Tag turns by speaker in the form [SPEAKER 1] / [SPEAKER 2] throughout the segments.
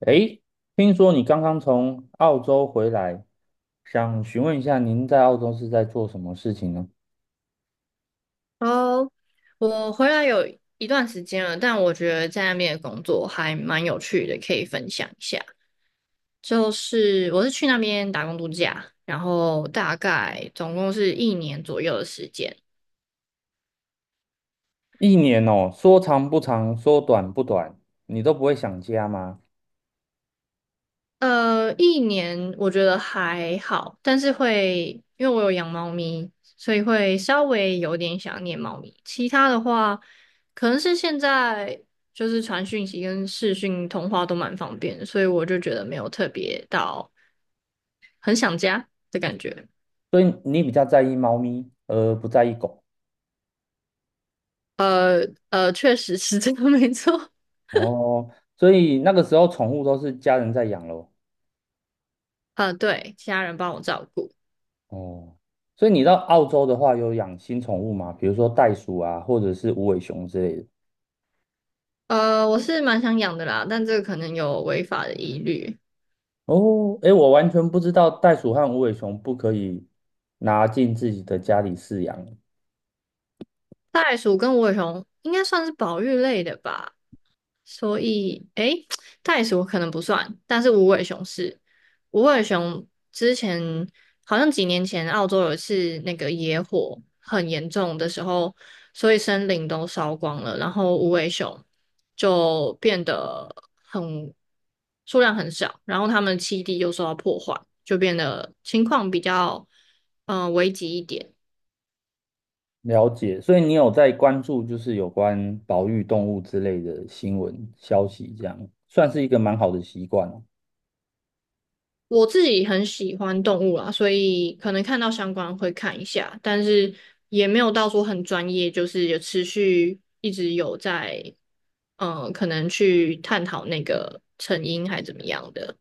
[SPEAKER 1] 诶，听说你刚刚从澳洲回来，想询问一下您在澳洲是在做什么事情呢？
[SPEAKER 2] 哦，我回来有一段时间了，但我觉得在那边的工作还蛮有趣的，可以分享一下。就是我是去那边打工度假，然后大概总共是一年左右的时间。
[SPEAKER 1] 一年哦，说长不长，说短不短，你都不会想家吗？
[SPEAKER 2] 一年我觉得还好，但是会因为我有养猫咪，所以会稍微有点想念猫咪。其他的话，可能是现在就是传讯息跟视讯通话都蛮方便的所以我就觉得没有特别到的感觉。
[SPEAKER 1] 所以你比较在意猫咪，而不在意狗。
[SPEAKER 2] 呃确实是这个 没错。
[SPEAKER 1] 哦，所以那个时候宠物都是家人在养咯。
[SPEAKER 2] 对，家人帮我照顾。
[SPEAKER 1] 哦，所以你到澳洲的话，有养新宠物吗？比如说袋鼠啊，或者是无尾熊之类的。
[SPEAKER 2] 我是蛮想养的啦，但这个可能有违法的疑虑。
[SPEAKER 1] 哦，哎，我完全不知道袋鼠和无尾熊不可以拿进自己的家里饲养。
[SPEAKER 2] 袋鼠跟无尾熊应该算是保育类的吧。所以，诶，袋鼠可能不算，但是无尾熊是。无尾熊之前好像几年前，澳洲有一次那个野火很严重的时候，所以森林都烧光了，然后无尾熊就变得很数量很少，然后它们的栖地又受到破坏，就变得情况比较危急一点。
[SPEAKER 1] 了解，所以你有在关注就是有关保育动物之类的新闻消息，这样算是一个蛮好的习惯哦。
[SPEAKER 2] 我自己很喜欢动物啦，所以可能看到相关会看一下，但是也没有到说很专业，就是有持续一直有在，可能去探讨那个成因还怎么样的。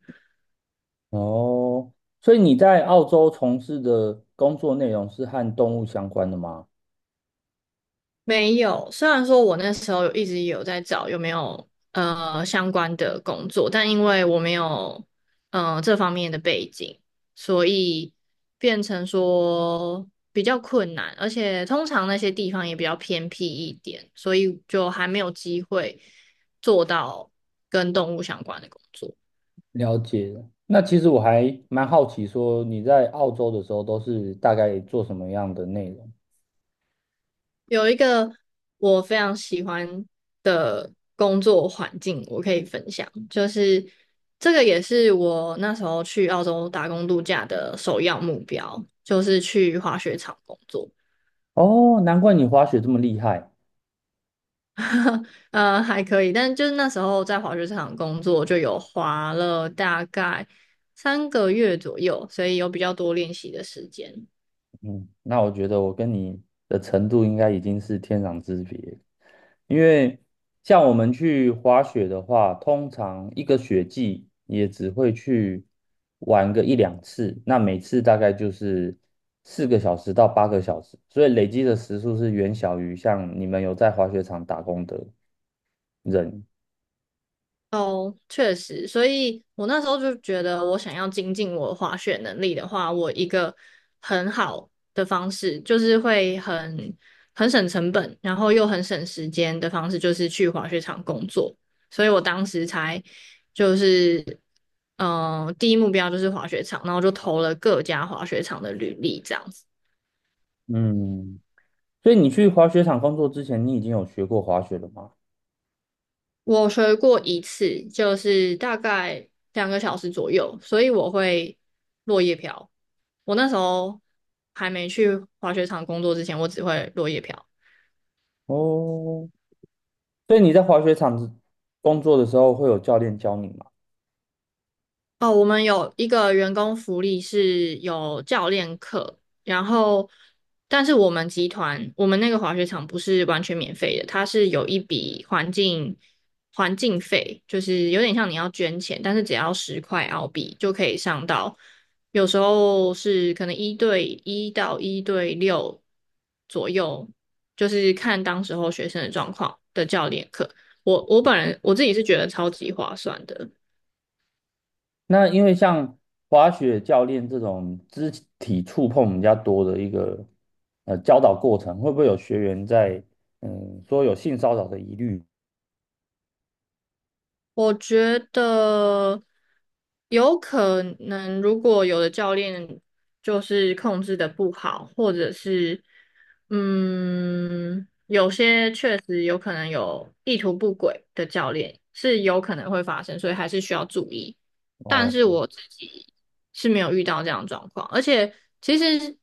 [SPEAKER 1] 哦所以你在澳洲从事的工作内容是和动物相关的吗？
[SPEAKER 2] 没有，虽然说我那时候有一直有在找有没有相关的工作，但因为我没有这方面的背景，所以变成说比较困难，而且通常那些地方也比较偏僻一点，所以就还没有机会做到跟动物相关的工作。
[SPEAKER 1] 了解了那其实我还蛮好奇，说你在澳洲的时候都是大概做什么样的内容？
[SPEAKER 2] 有一个我非常喜欢的工作环境，我可以分享，就是这个也是我那时候去澳洲打工度假的首要目标，就是去滑雪场工作。
[SPEAKER 1] 哦，难怪你滑雪这么厉害。
[SPEAKER 2] 还可以，但就是那时候在滑雪场工作，就有滑了大概3个月左右，所以有比较多练习的时间。
[SPEAKER 1] 嗯，那我觉得我跟你的程度应该已经是天壤之别，因为像我们去滑雪的话，通常一个雪季也只会去玩个一两次，那每次大概就是四个小时到八个小时，所以累积的时数是远小于像你们有在滑雪场打工的人。
[SPEAKER 2] 哦，确实，所以我那时候就觉得，我想要精进我的滑雪能力的话，我一个很好的方式就是会很省成本，然后又很省时间的方式，就是去滑雪场工作。所以我当时才就是，第一目标就是滑雪场，然后就投了各家滑雪场的履历，这样子。
[SPEAKER 1] 嗯，所以你去滑雪场工作之前，你已经有学过滑雪了吗？
[SPEAKER 2] 我学过一次，就是大概2个小时左右，所以我会落叶飘。我那时候还没去滑雪场工作之前，我只会落叶飘。
[SPEAKER 1] 哦，所以你在滑雪场工作的时候会有教练教你吗？
[SPEAKER 2] 哦，我们有一个员工福利是有教练课，然后，但是我们集团，我们那个滑雪场不是完全免费的，它是有一笔环境费，就是有点像你要捐钱，但是只要10块澳币就可以上到，有时候是可能一对一到一对六左右，就是看当时候学生的状况的教练课。我本人我自己是觉得超级划算的。
[SPEAKER 1] 那因为像滑雪教练这种肢体触碰比较多的一个教导过程，会不会有学员在？
[SPEAKER 2] 我觉得有可能，如果有的教练就是控制的不好，或者是有些确实有可能有意图不轨的教练，是有可能会发生，所以还是需要注意。但是
[SPEAKER 1] 哦
[SPEAKER 2] 我自己是没有遇到这样的状况，而且其实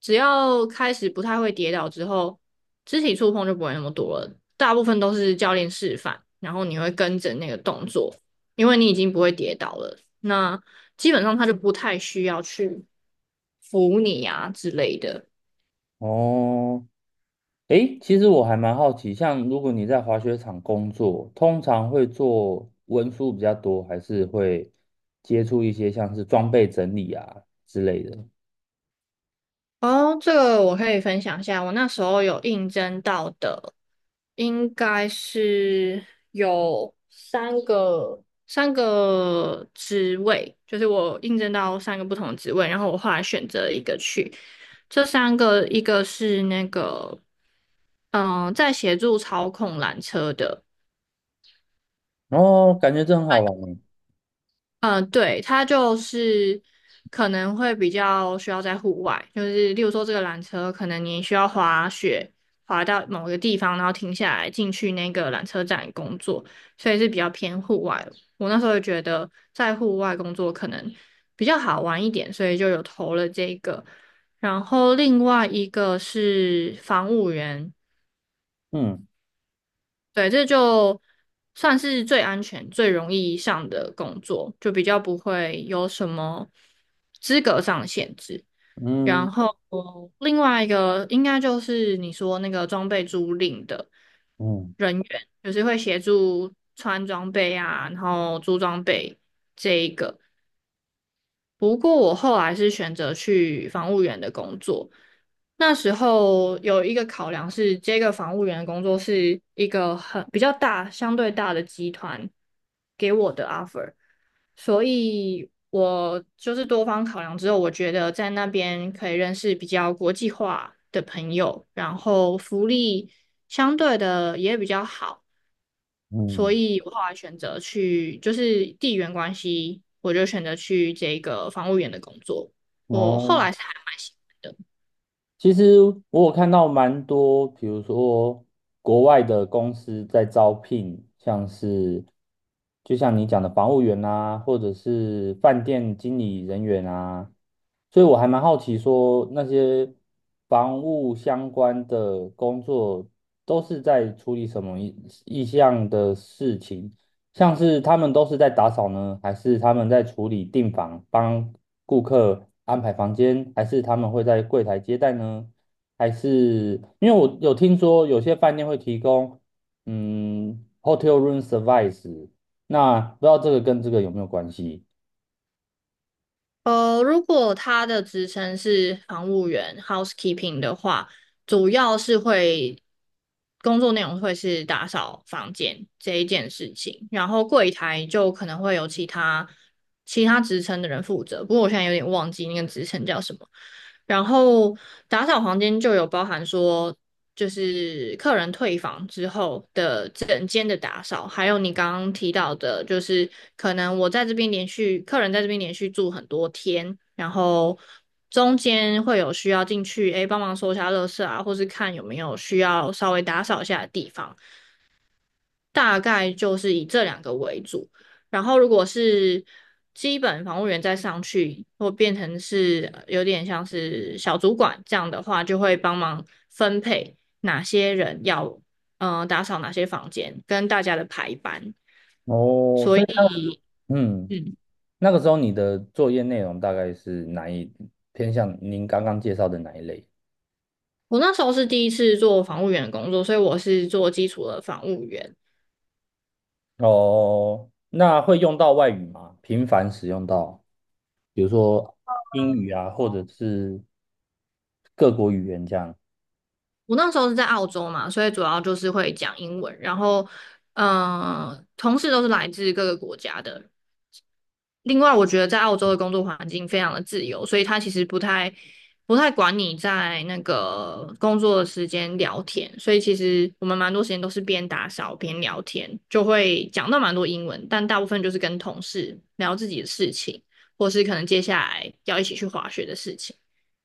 [SPEAKER 2] 只要开始不太会跌倒之后，肢体触碰就不会那么多了，大部分都是教练示范，然后你会跟着那个动作，因为你已经不会跌倒了，那基本上他就不太需要去扶你啊之类的。
[SPEAKER 1] 哦，诶，其实我还蛮好奇，像如果你在滑雪场工作，通常会做文书比较多，还是会接触一些像是装备整理啊之类的？
[SPEAKER 2] 哦，这个我可以分享一下。我那时候有应征到的，应该是有三个职位，就是我应征到3个不同的职位，然后我后来选择了一个去。这三个，一个是那个在协助操控缆车的，
[SPEAKER 1] 哦，感觉这很好玩诶。
[SPEAKER 2] 嗯，对，它就是可能会比较需要在户外，就是例如说这个缆车，可能你需要滑雪，滑到某个地方，然后停下来进去那个缆车站工作，所以是比较偏户外。我那时候就觉得在户外工作可能比较好玩一点，所以就有投了这个。然后另外一个是防务员，
[SPEAKER 1] 嗯。
[SPEAKER 2] 对，这就算是最安全、最容易上的工作，就比较不会有什么资格上的限制。
[SPEAKER 1] 嗯。
[SPEAKER 2] 然后另外一个应该就是你说那个装备租赁的
[SPEAKER 1] 嗯。
[SPEAKER 2] 人员，就是会协助穿装备啊，然后租装备这一个。不过我后来是选择去防务员的工作，那时候有一个考量是，这个房务员的工作是一个很比较大、相对大的集团给我的 offer，所以我就是多方考量之后，我觉得在那边可以认识比较国际化的朋友，然后福利相对的也比较好，所
[SPEAKER 1] 嗯，
[SPEAKER 2] 以我后来选择去，就是地缘关系，我就选择去这个房务员的工作。我后
[SPEAKER 1] 哦。
[SPEAKER 2] 来是还蛮喜
[SPEAKER 1] 其实我有看到蛮多，比如说国外的公司在招聘，像是就像你讲的房务员啊，或者是饭店经理人员啊，所以我还蛮好奇说那些房务相关的工作都是在处理什么意向的事情，像是他们都是在打扫呢，还是他们在处理订房、帮顾客安排房间，还是他们会在柜台接待呢？还是因为我有听说有些饭店会提供嗯 hotel room service，那不知道这个跟这个有没有关系？
[SPEAKER 2] 呃，如果他的职称是房务员 （housekeeping） 的话，主要是会工作内容会是打扫房间这一件事情，然后柜台就可能会有其他职称的人负责。不过我现在有点忘记那个职称叫什么。然后打扫房间就有包含说就是客人退房之后的整间的打扫，还有你刚刚提到的，就是可能我在这边连续客人在这边连续住很多天，然后中间会有需要进去，哎帮忙收一下垃圾啊，或是看有没有需要稍微打扫一下的地方。大概就是以这两个为主。然后如果是基本防务员再上去，或变成是有点像是小主管这样的话，就会帮忙分配哪些人要打扫哪些房间，跟大家的排班。
[SPEAKER 1] 哦，
[SPEAKER 2] 所
[SPEAKER 1] 所以
[SPEAKER 2] 以，
[SPEAKER 1] 那嗯，
[SPEAKER 2] 嗯，
[SPEAKER 1] 那个时候你的作业内容大概是偏向您刚刚介绍的哪一类？
[SPEAKER 2] 我那时候是第一次做防务员的工作，所以我是做基础的防务员。
[SPEAKER 1] 哦，那会用到外语吗？频繁使用到，比如说英语啊，或者是各国语言这样。
[SPEAKER 2] 我那时候是在澳洲嘛，所以主要就是会讲英文，然后，嗯、同事都是来自各个国家的，另外，我觉得在澳洲的工作环境非常的自由，所以他其实不太管你在那个工作的时间聊天，所以其实我们蛮多时间都是边打扫边聊天，就会讲到蛮多英文，但大部分就是跟同事聊自己的事情，或是可能接下来要一起去滑雪的事情。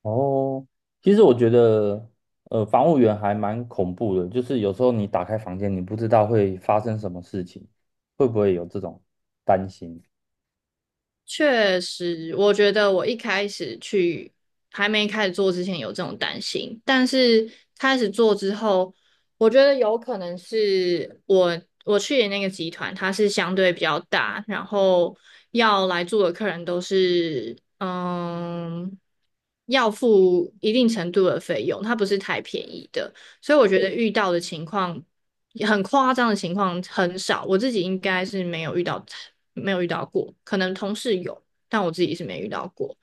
[SPEAKER 1] 哦，其实我觉得，防务员还蛮恐怖的，就是有时候你打开房间，你不知道会发生什么事情，会不会有这种担心？
[SPEAKER 2] 确实，我觉得我一开始去还没开始做之前有这种担心，但是开始做之后，我觉得有可能是我去的那个集团，它是相对比较大，然后要来住的客人都是要付一定程度的费用，它不是太便宜的，所以我觉得遇到的情况很夸张的情况很少，我自己应该是没有遇到，没有遇到过，可能同事有，但我自己是没遇到过。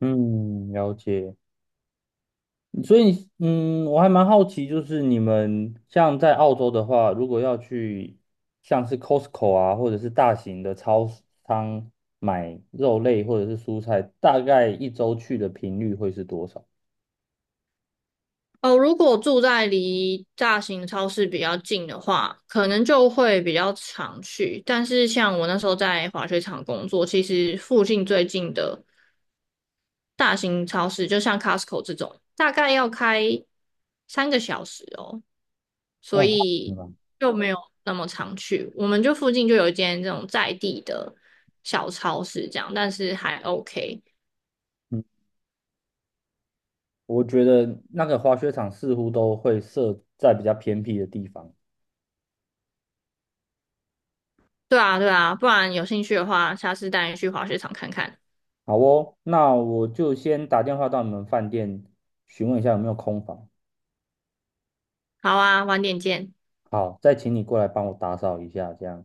[SPEAKER 1] 嗯，了解。所以，嗯，我还蛮好奇，就是你们像在澳洲的话，如果要去像是 Costco 啊，或者是大型的超市商买肉类或者是蔬菜，大概一周去的频率会是多少？
[SPEAKER 2] 哦，如果住在离大型超市比较近的话，可能就会比较常去。但是像我那时候在滑雪场工作，其实附近最近的大型超市，就像 Costco 这种，大概要开3个小时哦，所
[SPEAKER 1] 哦，是
[SPEAKER 2] 以
[SPEAKER 1] 吗？
[SPEAKER 2] 就没有那么常去。我们就附近就有一间这种在地的小超市，这样，但是还 OK。
[SPEAKER 1] 嗯，我觉得那个滑雪场似乎都会设在比较偏僻的地方。
[SPEAKER 2] 对啊，对啊，不然有兴趣的话，下次带你去滑雪场看看。
[SPEAKER 1] 好哦，那我就先打电话到你们饭店询问一下有没有空房。
[SPEAKER 2] 好啊，晚点见，
[SPEAKER 1] 好，再请你过来帮我打扫一下，这样。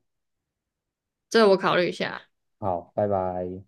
[SPEAKER 2] 这我考虑一下。
[SPEAKER 1] 好，拜拜。